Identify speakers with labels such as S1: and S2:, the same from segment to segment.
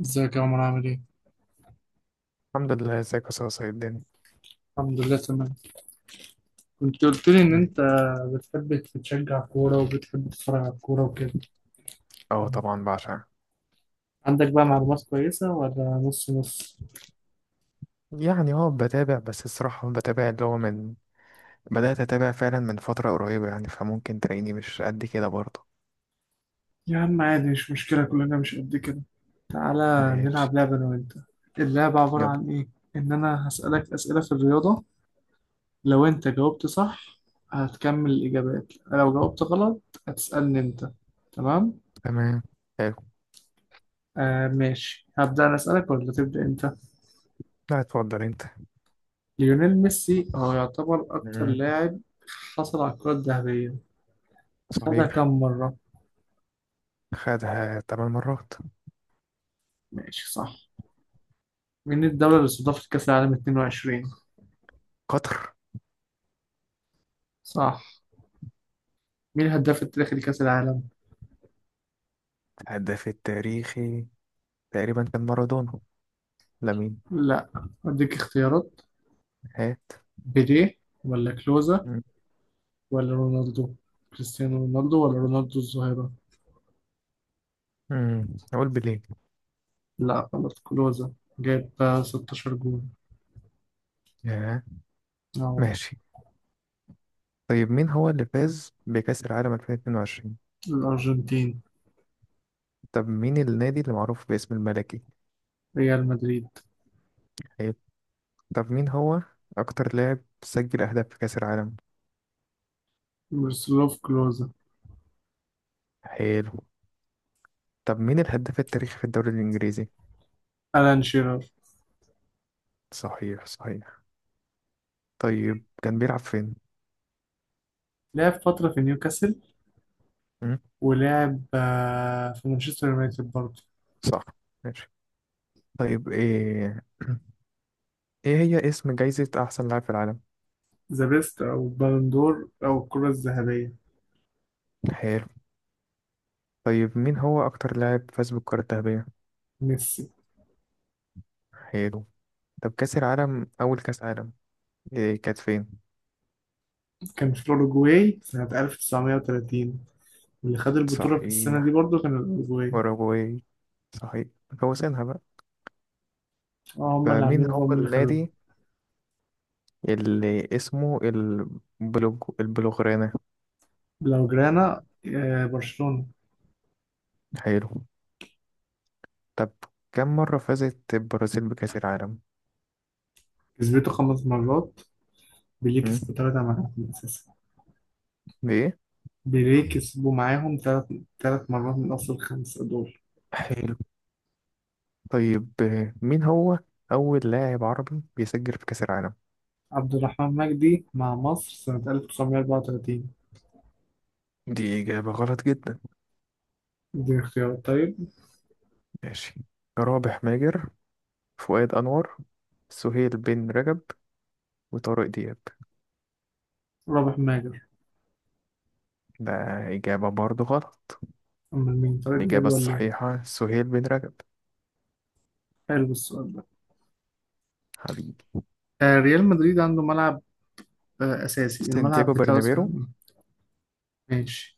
S1: ازيك يا عمر، عامل ايه؟
S2: الحمد لله، ازيك يا صاصة؟ ايه الدنيا؟
S1: الحمد لله تمام. كنت قلت لي ان
S2: مم.
S1: انت بتحب تشجع كورة وبتحب تتفرج على الكورة وكده.
S2: اه، طبعا بعشقها.
S1: عندك بقى معلومات كويسة ولا نص نص؟
S2: يعني بتابع، بس الصراحة بتابع اللي هو من بدأت أتابع فعلا من فترة قريبة، يعني فممكن تلاقيني مش قد كده برضه.
S1: يا عم عادي، مش مشكلة، كلنا مش قد كده. تعالى
S2: ماشي.
S1: نلعب لعبة انا وانت. اللعبة عبارة
S2: يلا.
S1: عن ايه؟ ان انا هسألك اسئلة في الرياضة، لو انت جاوبت صح هتكمل الاجابات، لو جاوبت غلط هتسألني انت. تمام؟
S2: تمام. حلو.
S1: آه ماشي، هبدأ انا اسألك ولا تبدأ انت؟
S2: لا، اتفضل انت.
S1: ليونيل ميسي هو يعتبر أكتر
S2: مم.
S1: لاعب حصل على الكرة الذهبية. خدها كم
S2: صحيح.
S1: مرة؟
S2: خدها 8 مرات.
S1: ماشي صح. مين الدولة اللي استضافت كأس العالم 22؟
S2: قطر.
S1: صح. مين الهداف التاريخي لكأس العالم؟
S2: الهداف التاريخي تقريبا كان مارادونا. لامين.
S1: لا، أديك اختيارات.
S2: هات.
S1: بيليه ولا كلوزا
S2: مم.
S1: ولا رونالدو، كريستيانو رونالدو ولا رونالدو الظاهرة؟
S2: مم. اقول بليه.
S1: لا غلط، كلوزا. جاب 16 جول.
S2: ياه.
S1: أهو.
S2: ماشي. طيب، مين هو اللي فاز بكأس العالم 2022؟
S1: الأرجنتين.
S2: طب مين النادي اللي معروف باسم الملكي؟
S1: ريال مدريد.
S2: حلو. طب مين هو أكتر لاعب سجل أهداف في كأس العالم؟
S1: ميروسلاف كلوزا.
S2: حلو. طب مين الهداف التاريخي في الدوري الإنجليزي؟
S1: ألان شيرر.
S2: صحيح، صحيح. طيب كان بيلعب فين؟
S1: لعب فترة في نيوكاسل،
S2: مم،
S1: ولعب في مانشستر يونايتد برضه.
S2: صح. ماشي. طيب إيه هي اسم جايزة أحسن لاعب في العالم؟
S1: ذا بيست أو بالندور أو الكرة الذهبية.
S2: حلو. طيب مين هو أكتر لاعب فاز بالكرة الذهبية؟
S1: ميسي.
S2: حلو. طب كأس العالم أول كأس عالم، إيه كانت فين؟
S1: كان في الأوروجواي سنة 1930، اللي خد البطولة في السنة دي
S2: صحيح.
S1: برضه كان الأوروجواي.
S2: أوروجواي. صحيح. فوزينها بقى.
S1: اه، هما اللي
S2: فمين
S1: عاملينها
S2: هو
S1: فهم اللي خدوها.
S2: النادي اللي اسمه البلوغرانة؟
S1: لو جرانا، آه، برشلونة.
S2: حلو. طب كم مرة فازت البرازيل بكأس العالم؟
S1: كسبته 5 مرات. بيليه
S2: مم.
S1: كسبه تلاتة معاهم أساسا.
S2: بإيه؟
S1: بيليه كسبوا معاهم تلات مرات من أصل الخمسة دول.
S2: حلو. طيب، مين هو أول لاعب عربي بيسجل في كأس العالم؟
S1: عبد الرحمن مجدي مع مصر سنة 1934.
S2: دي إجابة غلط جدا.
S1: دي اختيارات طيب.
S2: ماشي. رابح ماجر، فؤاد أنور، سهيل بن رجب، وطارق دياب.
S1: رابح ماجد.
S2: ده إجابة برضو غلط.
S1: أمال مين، طارق دياب
S2: الإجابة
S1: ولا إيه؟
S2: الصحيحة سهيل بن رجب.
S1: حلو السؤال ده.
S2: حبيبي.
S1: آه، ريال مدريد عنده ملعب أساسي، الملعب
S2: سانتياغو
S1: بتاعه اسمه
S2: برنابيرو.
S1: إيه؟ ماشي.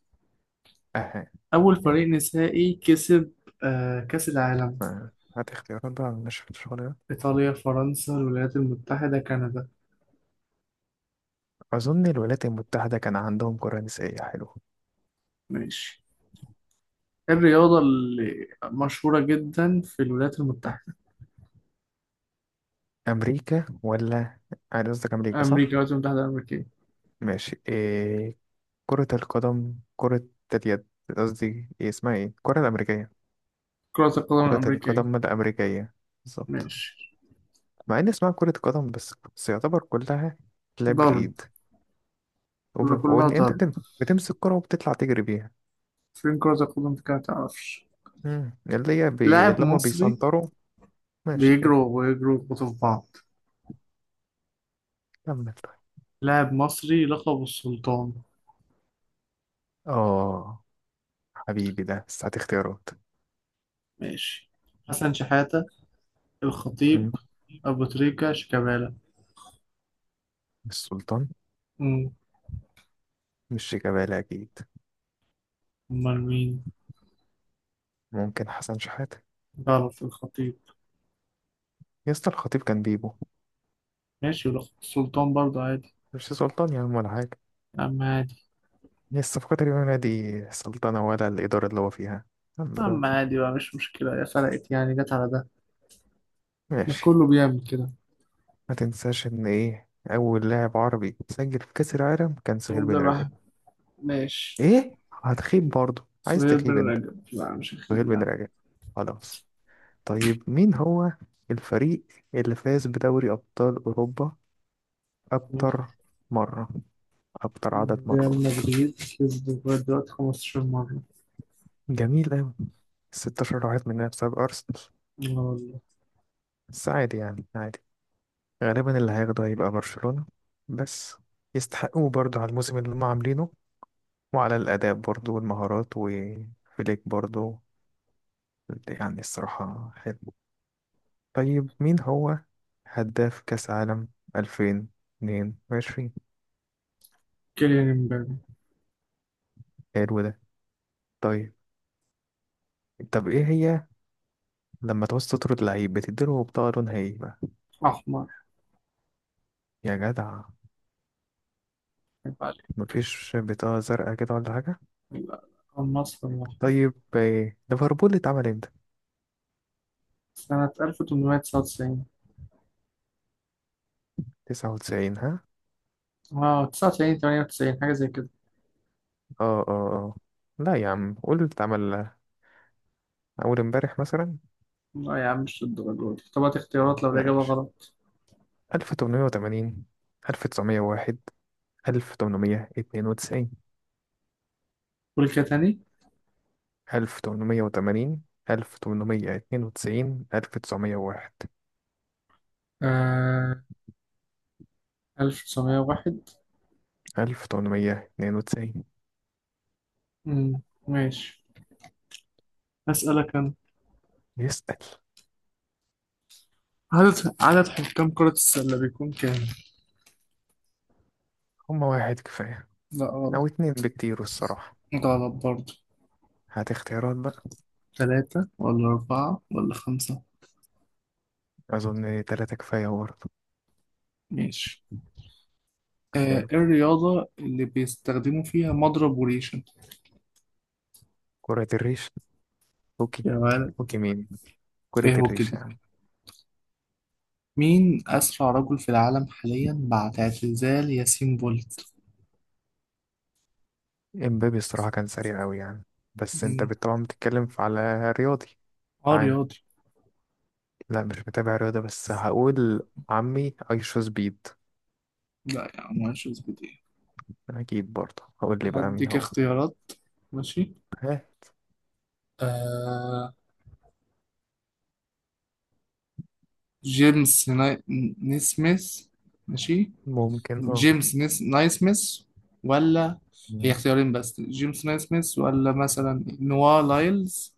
S2: أها.
S1: أول فريق نسائي كسب كأس العالم.
S2: آه، هات اختيارات بقى من نشرة الشغل ده.
S1: إيطاليا، فرنسا، الولايات المتحدة، كندا.
S2: أظن الولايات المتحدة كان عندهم قرى نسائية حلوة.
S1: ماشي. إيه الرياضة اللي مشهورة جدا في الولايات المتحدة؟
S2: أمريكا ولا أنا قصدك أمريكا
S1: أمريكا،
S2: صح؟
S1: الولايات المتحدة الأمريكية.
S2: ماشي. كرة القدم، كرة اليد. قصدي إيه اسمها إيه؟ الكرة الأمريكية.
S1: كرة القدم
S2: كرة
S1: الأمريكية.
S2: القدم الأمريكية. بالظبط.
S1: ماشي.
S2: مع إن اسمها كرة قدم، بس بس يعتبر كلها لعب
S1: ضرب.
S2: بالإيد.
S1: يبقى كلها
S2: وإن أنت
S1: ضرب.
S2: بتمسك كرة وبتطلع تجري بيها.
S1: فين كرة القدم دي كده، متعرفش. لاعب
S2: اللي هما
S1: مصري.
S2: بيسنطروا. ماشي.
S1: بيجروا ويجروا يخبطوا في بعض.
S2: كمل طيب.
S1: لاعب مصري، لقب السلطان.
S2: اه. حبيبي، ده بس هات اختيارات.
S1: ماشي. حسن شحاتة،
S2: مم.
S1: الخطيب، أبو تريكة، شيكابالا.
S2: مش سلطان.
S1: مم.
S2: مش شيكابالا أكيد.
S1: أمال مين؟
S2: ممكن حسن شحاتة.
S1: غلط، الخطيب.
S2: يا اسطى، الخطيب كان بيبو.
S1: ماشي، ولقب السلطان برضه عادي.
S2: مش سلطان يا عم، ولا حاجة.
S1: يا عم عادي.
S2: هي الصفقة اليومية دي سلطنة، ولا الإدارة اللي هو فيها؟ الحمد
S1: يا
S2: لله.
S1: عم عادي بقى، مش مشكلة، يا فرقت يعني جت على ده. ما
S2: ماشي.
S1: كله بيعمل كده.
S2: ما تنساش إن أول لاعب عربي سجل في كأس العالم كان سهيل
S1: عبد
S2: بن
S1: الرحمن.
S2: رجب.
S1: ماشي.
S2: إيه؟ هتخيب برضه؟ عايز
S1: سهير بن
S2: تخيب أنت؟
S1: رجب، لا مش أخير
S2: سهيل بن
S1: يعني.
S2: رجب. خلاص. طيب مين هو الفريق اللي فاز بدوري أبطال أوروبا أكتر مرة أكتر عدد
S1: ريال
S2: مرات؟
S1: مدريد كسب لغاية دلوقتي 15 مرة.
S2: جميل أوي. 16 واحد مننا بسبب أرسنال.
S1: لا والله.
S2: بس عادي يعني عادي. غالبا اللي هياخده هيبقى برشلونة. بس يستحقوه برضه على الموسم اللي هم عاملينه، وعلى الأداء برضه والمهارات وفليك برضه، يعني الصراحة حلو. طيب مين هو هداف كأس عالم 2022؟
S1: كيليان امبابي.
S2: حلو ده. طيب. طب ايه هي لما تعوز تطرد لعيب بتديله بطاقة لونها ايه بقى؟
S1: أحمر.
S2: يا جدع.
S1: يبقى عليك.
S2: مفيش بطاقة زرقاء كده ولا حاجة؟
S1: لا، النصر.
S2: طيب، ليفربول اتعمل امتى؟
S1: سنة 1899.
S2: 99، ها؟
S1: اه، 99، 98، حاجة زي كده.
S2: اه، اه، اه. لا يا عم، قول اتعمل اول امبارح مثلا.
S1: لا يا عم، مش للدرجة دي، طب هات اختيارات لو الإجابة
S2: ماشي.
S1: غلط.
S2: 1880، 1901، 1892.
S1: قول كده تاني.
S2: 1880، 1892، 1901.
S1: آه، 1901.
S2: 1892.
S1: مم، ماشي. أسألك أنا.
S2: يسأل.
S1: عدد حكام كرة السلة بيكون كام؟
S2: هما واحد كفاية.
S1: لا غلط.
S2: أو اتنين بكتير الصراحة.
S1: غلط برضه.
S2: هات اختيارات بقى.
S1: ثلاثة ولا أربعة ولا خمسة.
S2: أظن تلاتة كفاية برضه.
S1: ماشي. آه.
S2: حلو.
S1: إيه الرياضة اللي بيستخدموا فيها مضرب وريشة؟
S2: كرة الريش. هوكي.
S1: يا ولد،
S2: هوكي مين؟ كرة
S1: إيه هو
S2: الريشة
S1: كده.
S2: يعني.
S1: مين أسرع رجل في العالم حاليا بعد اعتزال ياسين بولت؟
S2: امبابي الصراحة كان سريع أوي يعني. بس انت
S1: مم.
S2: طبعا بتتكلم على رياضي
S1: اه،
S2: عام.
S1: رياضي.
S2: لا، مش متابع رياضة، بس هقول عمي ايشو سبيد.
S1: لا يا عم، مش اثبت ايه.
S2: أكيد برضه هقول لي بقى مين
S1: هديك
S2: هو.
S1: اختيارات. ماشي.
S2: هات.
S1: آه، جيمس نيسميث. ماشي.
S2: ممكن اه.
S1: جيمس نايسميث. ولا، هي اختيارين بس، جيمس نايسميث ولا مثلا نوا لايلز.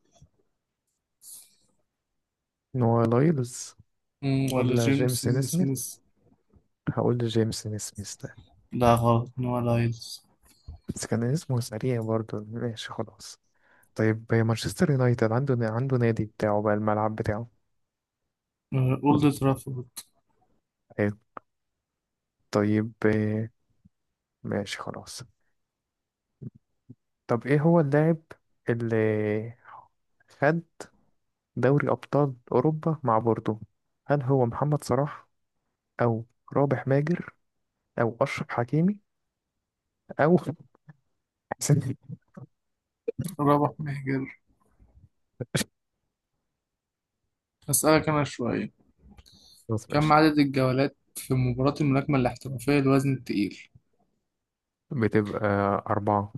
S2: نوع لايلز،
S1: ولا
S2: ولا
S1: جيمس
S2: جيمسون سميث؟
S1: نيسميث.
S2: هقول جيمسون سميث ده.
S1: لا غلط، نوا لايلز.
S2: بس كان اسمه سريع برضه، ماشي خلاص. طيب مانشستر يونايتد عنده نادي بتاعه بقى الملعب بتاعه؟
S1: آه، أولد ترافورد.
S2: حلو. طيب، ماشي خلاص. طب ايه هو اللاعب اللي خد دوري أبطال أوروبا مع بوردو؟ هل هو محمد صلاح أو رابح ماجر أو أشرف حكيمي أو حسين البدري؟
S1: رابح مهجر. هسألك أنا شوية.
S2: خلاص،
S1: كم
S2: ماشي.
S1: عدد الجولات في مباراة الملاكمة الاحترافية للوزن التقيل؟
S2: بتبقى أربعة.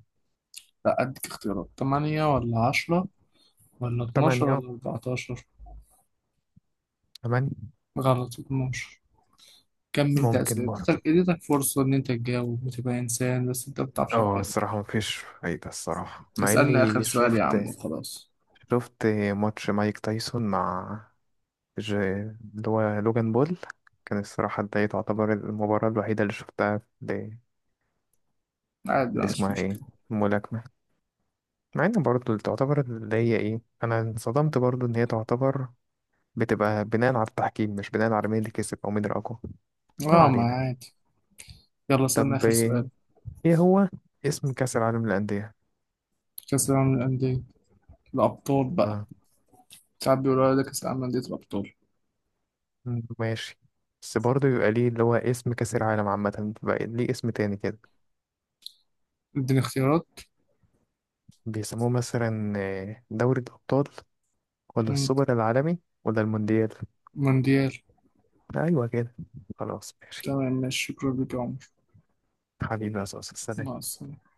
S1: لا أديك اختيارات، تمانية ولا عشرة ولا اتناشر
S2: تمانية.
S1: ولا أربعتاشر.
S2: تمانية.
S1: غلط، اتناشر. كم أنت
S2: ممكن
S1: أسئلة،
S2: برضه.
S1: اديتك فرصة إن أنت تجاوب وتبقى إنسان بس أنت مبتعرفش
S2: اه
S1: تجاوب.
S2: الصراحة مفيش فايدة الصراحة مع
S1: اسألني آخر
S2: إني
S1: سؤال يا عم
S2: شفت
S1: وخلاص.
S2: شفت ماتش مايك تايسون مع اللي هو لوجان بول. كان الصراحة، ده تعتبر المباراة الوحيدة اللي شفتها.
S1: عادي
S2: اللي
S1: بقى، مش
S2: اسمها ايه،
S1: مشكلة.
S2: ملاكمة. مع ان برضه اللي تعتبر اللي هي ايه انا انصدمت برضه ان هي تعتبر بتبقى بناء على التحكيم، مش بناء على مين اللي كسب او مين الاقوى. ما
S1: اه ما
S2: علينا.
S1: عادي. يلا اسألني
S2: طب
S1: آخر سؤال.
S2: إيه هو اسم كأس العالم للأندية؟
S1: كأس العالم للأندية الأبطال بقى.
S2: آه.
S1: ساعات بيقولوا على ده كأس العالم للأندية الأبطال.
S2: مم، ماشي. بس برضه يبقى ليه اللي هو اسم كأس العالم عامة، بقى ليه اسم تاني كده؟
S1: اديني اختيارات.
S2: بيسموه مثلا دوري الأبطال، ولا
S1: مم.
S2: السوبر العالمي ولا المونديال؟
S1: مونديال.
S2: أيوة كده. خلاص، ماشي.
S1: تمام ماشي، شكرا لك يا عمر.
S2: حبيبي يا صوص،
S1: مع
S2: السلام.
S1: السلامة.